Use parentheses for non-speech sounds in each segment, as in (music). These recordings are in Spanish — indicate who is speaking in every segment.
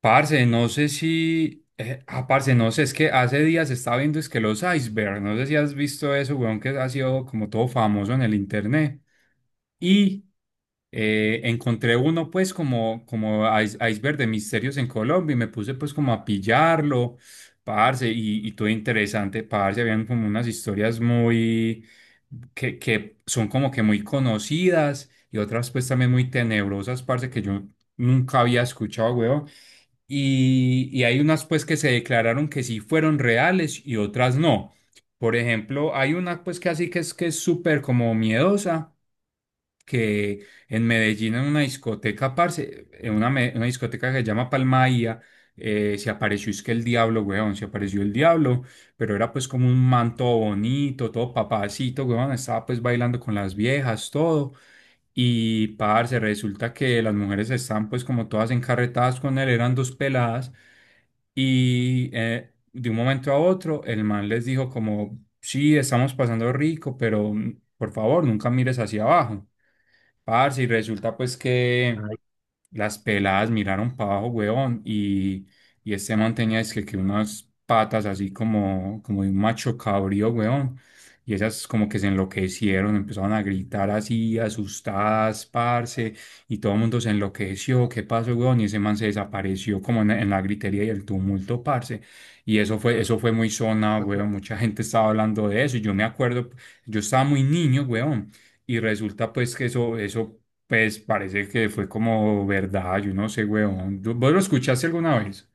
Speaker 1: Parce, no sé si. Parce, no sé, es que hace días estaba viendo es que los icebergs, no sé si has visto eso, weón, que ha sido como todo famoso en el internet. Y encontré uno, pues, como, iceberg de misterios en Colombia y me puse, pues, como a pillarlo, parce, y todo interesante, parce. Habían como unas historias muy. Que son como que muy conocidas y otras, pues, también muy tenebrosas, parce, que yo nunca había escuchado, weón y hay unas pues que se declararon que sí fueron reales y otras no. Por ejemplo, hay una pues que así que es súper como miedosa que en Medellín, en una discoteca, parce, una discoteca que se llama Palmaía, se apareció, es que el diablo, weón, se apareció el diablo, pero era pues como un manto bonito, todo papacito, weón, estaba pues bailando con las viejas, todo. Y parce, resulta que las mujeres están pues como todas encarretadas con él, eran dos peladas. Y de un momento a otro, el man les dijo como, sí, estamos pasando rico, pero por favor, nunca mires hacia abajo. Parce, y resulta pues que
Speaker 2: Ay,
Speaker 1: las peladas miraron para abajo, weón, y este man tenía es que unas patas así como, como de un macho cabrío, weón. Y esas como que se enloquecieron, empezaron a gritar así, asustadas, parce, y todo el mundo se enloqueció, ¿qué pasó, weón? Y ese man se desapareció como en la gritería y el tumulto, parce. Y eso fue muy sonado,
Speaker 2: juepu-
Speaker 1: weón, mucha gente estaba hablando de eso, y yo me acuerdo, yo estaba muy niño, weón. Y resulta pues que eso pues parece que fue como verdad, yo no sé, weón. ¿Tú- ¿Vos lo escuchaste alguna vez?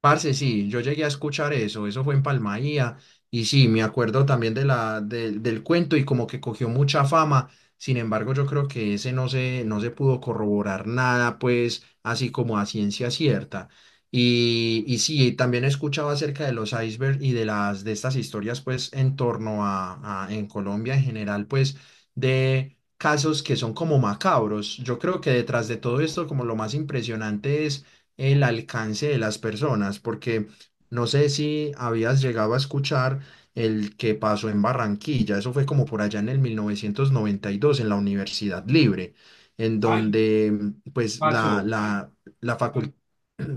Speaker 2: parce, sí, yo llegué a escuchar eso, eso fue en Palmaía, y sí, me acuerdo también de del cuento y como que cogió mucha fama. Sin embargo, yo creo que ese no se pudo corroborar nada, pues, así como a ciencia cierta. Y sí, también he escuchado acerca de los icebergs y de de estas historias, pues, en torno a, en Colombia en general, pues, de casos que son como macabros. Yo creo que detrás de todo esto, como lo más impresionante es el alcance de las personas, porque no sé si habías llegado a escuchar el que pasó en Barranquilla. Eso fue como por allá en el 1992 en la Universidad Libre, en
Speaker 1: Ay,
Speaker 2: donde pues
Speaker 1: pasó.
Speaker 2: la facul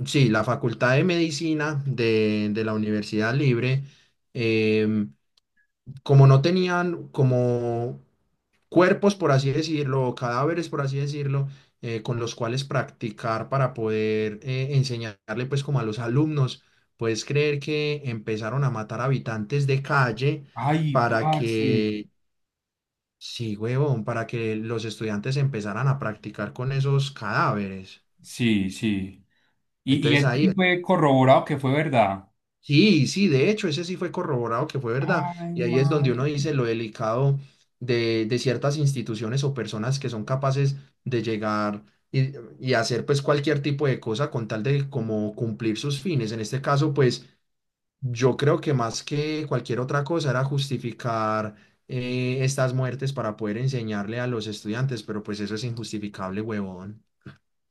Speaker 2: sí, la Facultad de Medicina de la Universidad Libre. em, como no tenían como cuerpos, por así decirlo, o cadáveres, por así decirlo, con los cuales practicar para poder enseñarle pues como a los alumnos, ¿puedes creer que empezaron a matar habitantes de calle
Speaker 1: Ay,
Speaker 2: para
Speaker 1: parce.
Speaker 2: que, sí, huevón, para que los estudiantes empezaran a practicar con esos cadáveres?
Speaker 1: Sí, sí. Y
Speaker 2: Entonces
Speaker 1: ese
Speaker 2: ahí
Speaker 1: sí fue corroborado que fue verdad.
Speaker 2: sí, sí, de hecho, ese sí fue corroborado que fue verdad.
Speaker 1: Ay,
Speaker 2: Y ahí es donde uno
Speaker 1: mari-
Speaker 2: dice lo delicado de ciertas instituciones o personas que son capaces de llegar y, y hacer pues cualquier tipo de cosa con tal de como cumplir sus fines. En este caso, pues yo creo que más que cualquier otra cosa era justificar estas muertes para poder enseñarle a los estudiantes, pero pues eso es injustificable, huevón.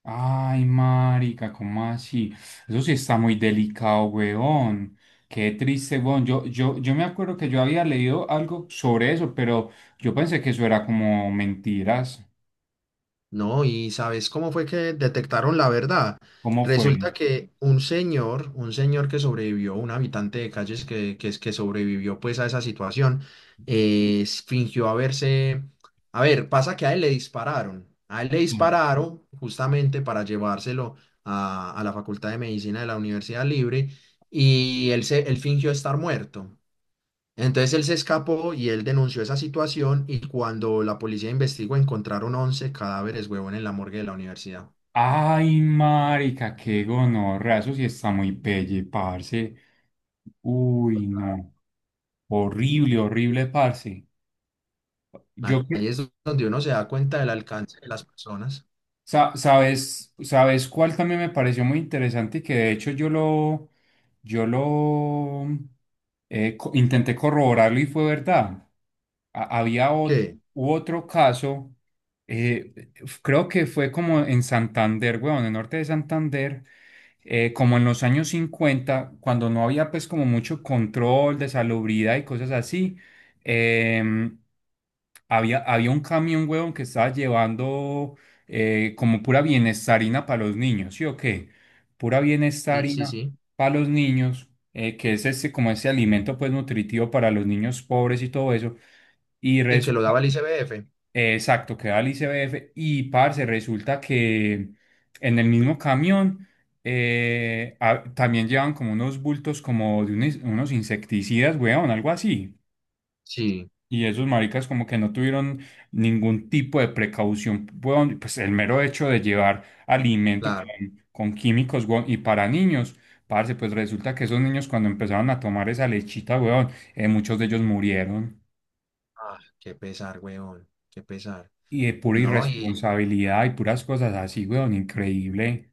Speaker 1: Ay, marica, ¿cómo así? Eso sí está muy delicado, weón. Qué triste, weón. Yo me acuerdo que yo había leído algo sobre eso, pero yo pensé que eso era como mentiras.
Speaker 2: No, y ¿sabes cómo fue que detectaron la verdad?
Speaker 1: ¿Cómo fue?
Speaker 2: Resulta que un señor que sobrevivió, un habitante de calles que sobrevivió pues a esa situación, fingió haberse... A ver, pasa que a él le dispararon. A él le
Speaker 1: Mm.
Speaker 2: dispararon justamente para llevárselo a la Facultad de Medicina de la Universidad Libre y él fingió estar muerto. Entonces él se escapó y él denunció esa situación, y cuando la policía investigó encontraron 11 cadáveres, huevón, en la morgue de la universidad.
Speaker 1: Ay, marica, qué gonorrea, eso sí está muy pelle, parce. Uy, no. Horrible, horrible, parce. Yo, cre-
Speaker 2: Ahí es donde uno se da cuenta del alcance de las personas.
Speaker 1: sabes, sabes cuál también me pareció muy interesante y que de hecho yo lo intenté corroborarlo y fue verdad. Había otro,
Speaker 2: ¿Qué?
Speaker 1: otro caso, creo que fue como en Santander, weón, en el norte de Santander, como en los años 50 cuando no había pues como mucho control de salubridad y cosas así, em, había, había un camión, weón, que estaba llevando como pura bienestarina para los niños, ¿sí o qué? Pura
Speaker 2: Sí, sí,
Speaker 1: bienestarina
Speaker 2: sí.
Speaker 1: para los niños, que es este, como ese alimento pues nutritivo para los niños pobres y todo eso. Y
Speaker 2: Sí, que lo
Speaker 1: resulta,
Speaker 2: daba el ICBF.
Speaker 1: exacto, queda el ICBF y parce, resulta que en el mismo camión también llevan como unos bultos como de unos, unos insecticidas, weón, algo así.
Speaker 2: Sí,
Speaker 1: Y esos maricas como que no tuvieron ningún tipo de precaución, weón, pues el mero hecho de llevar alimento
Speaker 2: claro.
Speaker 1: con químicos, weón, y para niños, parce, pues resulta que esos niños cuando empezaron a tomar esa lechita, weón, muchos de ellos murieron.
Speaker 2: Ah, qué pesar, huevón, qué pesar.
Speaker 1: Y de pura
Speaker 2: No, y,
Speaker 1: irresponsabilidad y puras cosas así, weón, increíble.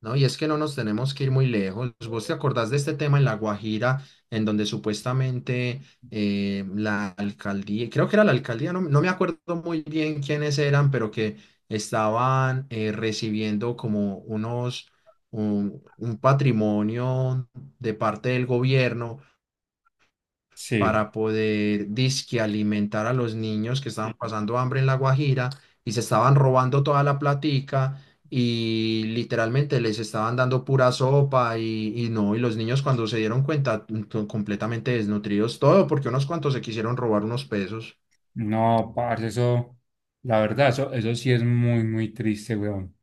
Speaker 2: No, y es que no nos tenemos que ir muy lejos. ¿Vos te acordás de este tema en La Guajira, en donde supuestamente la alcaldía, creo que era la alcaldía, no, no me acuerdo muy bien quiénes eran, pero que estaban recibiendo como un patrimonio de parte del gobierno
Speaker 1: Sí,
Speaker 2: para poder disque alimentar a los niños que estaban pasando hambre en La Guajira, y se estaban robando toda la platica y literalmente les estaban dando pura sopa? Y, y no, y los niños cuando se dieron cuenta completamente desnutridos, todo porque unos cuantos se quisieron robar unos pesos.
Speaker 1: no, parce, eso, la verdad, eso sí es muy, muy triste, weón.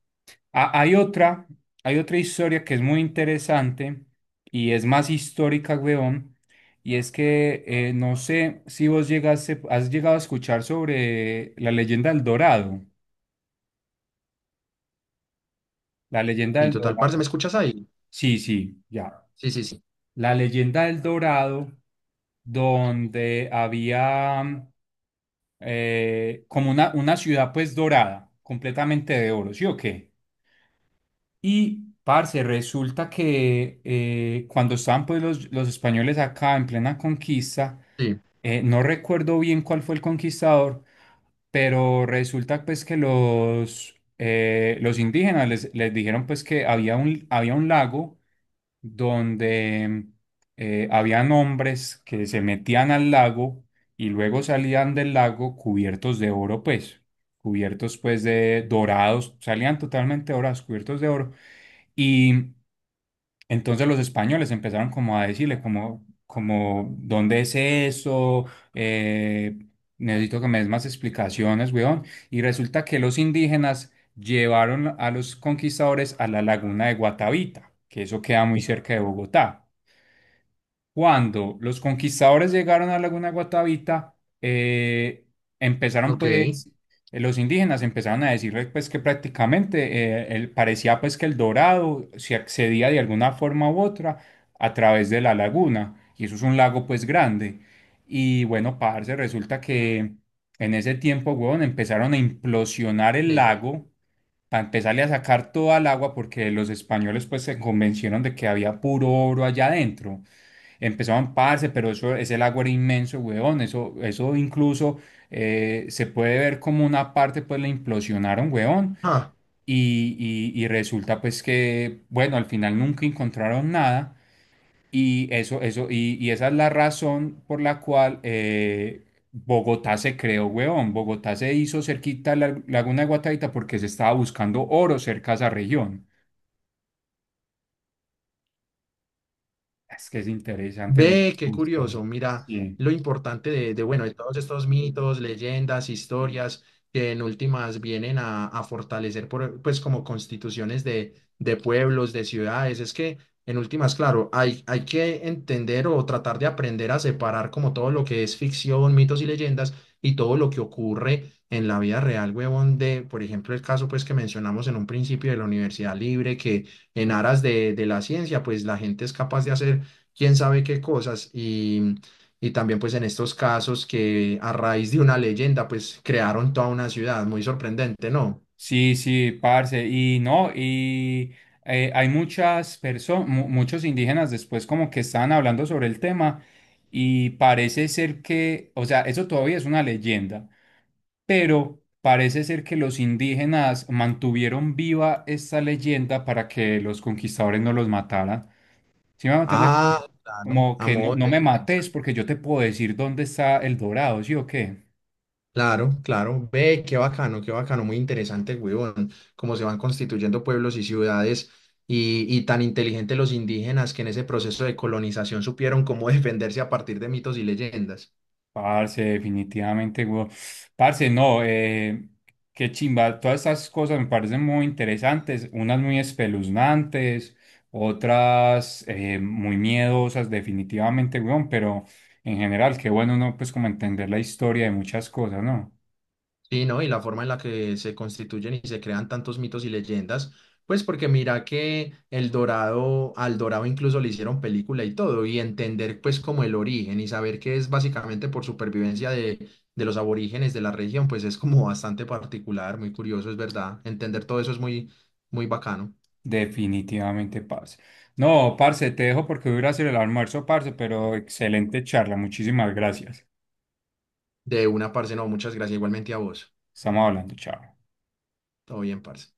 Speaker 1: Hay otra, hay otra historia que es muy interesante y es más histórica, weón, y es que no sé si vos llegaste, has llegado a escuchar sobre la leyenda del Dorado. La leyenda
Speaker 2: Y
Speaker 1: del
Speaker 2: total, parce, ¿me
Speaker 1: Dorado.
Speaker 2: escuchas ahí?
Speaker 1: Sí, sí, ya.
Speaker 2: Sí, sí, sí.
Speaker 1: La leyenda del Dorado, donde había como una ciudad pues dorada, completamente de oro, ¿sí o qué? Y, parce, resulta que cuando estaban pues los españoles acá en plena conquista,
Speaker 2: Sí,
Speaker 1: no recuerdo bien cuál fue el conquistador, pero resulta pues que los indígenas les, les dijeron pues que había un lago donde habían hombres que se metían al lago y luego salían del lago cubiertos de oro, pues, cubiertos pues de dorados, salían totalmente dorados, cubiertos de oro. Y entonces los españoles empezaron como a decirle como, como, ¿dónde es eso? Eh, Necesito que me des más explicaciones, weón. Y resulta que los indígenas llevaron a los conquistadores a la laguna de Guatavita, que eso queda muy cerca de Bogotá. Cuando los conquistadores llegaron a Laguna Guatavita, eh, empezaron
Speaker 2: ok.
Speaker 1: pues, los indígenas empezaron a decirles pues que prácticamente parecía pues que el Dorado se accedía de alguna forma u otra a través de la laguna, y eso es un lago pues grande. Y bueno, parce, resulta que en ese tiempo, huevón, empezaron a implosionar el
Speaker 2: Sí.
Speaker 1: lago para empezarle a sacar toda el agua porque los españoles pues se convencieron de que había puro oro allá adentro. Empezaban, parce, pero eso, ese lago era inmenso, weón. Eso incluso se puede ver como una parte, pues la implosionaron, weón.
Speaker 2: Ah,
Speaker 1: Y, y resulta, pues que, bueno, al final nunca encontraron nada. Y eso, y esa es la razón por la cual Bogotá se creó, weón. Bogotá se hizo cerquita a la Laguna de Guataita porque se estaba buscando oro cerca a esa región. Es que es interesante, weón.
Speaker 2: ve, qué curioso. Mira
Speaker 1: Sí.
Speaker 2: lo importante de, bueno, de todos estos mitos, leyendas, historias que en últimas vienen a fortalecer, por, pues, como constituciones de pueblos, de ciudades. Es que en últimas, claro, hay que entender o tratar de aprender a separar como todo lo que es ficción, mitos y leyendas y todo lo que ocurre en la vida real, huevón, de, por ejemplo, el caso, pues, que mencionamos en un principio de la Universidad Libre, que en aras de la ciencia, pues, la gente es capaz de hacer quién sabe qué cosas y también pues en estos casos que a raíz de una leyenda pues crearon toda una ciudad, muy sorprendente, ¿no?
Speaker 1: Sí, sí, parce, y no, y hay muchas personas, muchos indígenas después como que estaban hablando sobre el tema y parece ser que, o sea, eso todavía es una leyenda, pero parece ser que los indígenas mantuvieron viva esta leyenda para que los conquistadores no los mataran. ¿Sí me van a entender?
Speaker 2: Ah, claro,
Speaker 1: Como
Speaker 2: a
Speaker 1: que no,
Speaker 2: modo
Speaker 1: no
Speaker 2: de
Speaker 1: me
Speaker 2: defensa.
Speaker 1: mates porque yo te puedo decir dónde está el dorado, ¿sí o qué?
Speaker 2: Claro, claro, ve, qué bacano, muy interesante, huevón, cómo se van constituyendo pueblos y ciudades y tan inteligentes los indígenas que en ese proceso de colonización supieron cómo (laughs) defenderse a partir de mitos y leyendas.
Speaker 1: Parce, definitivamente, weón. Parce, no, qué chimba. Todas estas cosas me parecen muy interesantes, unas muy espeluznantes, otras muy miedosas, definitivamente, weón, pero en general, qué bueno uno, pues, como entender la historia de muchas cosas, ¿no?
Speaker 2: Sí, ¿no? Y la forma en la que se constituyen y se crean tantos mitos y leyendas, pues porque mira que El Dorado, al Dorado incluso le hicieron película y todo, y entender pues como el origen y saber que es básicamente por supervivencia de los aborígenes de la región, pues es como bastante particular, muy curioso, es verdad. Entender todo eso es muy, muy bacano.
Speaker 1: Definitivamente, parce. No, parce, te dejo porque voy a ir a hacer el almuerzo, parce, pero excelente charla, muchísimas gracias.
Speaker 2: De una, parce, no, muchas gracias igualmente a vos.
Speaker 1: Estamos hablando, chao.
Speaker 2: Todo bien, parce.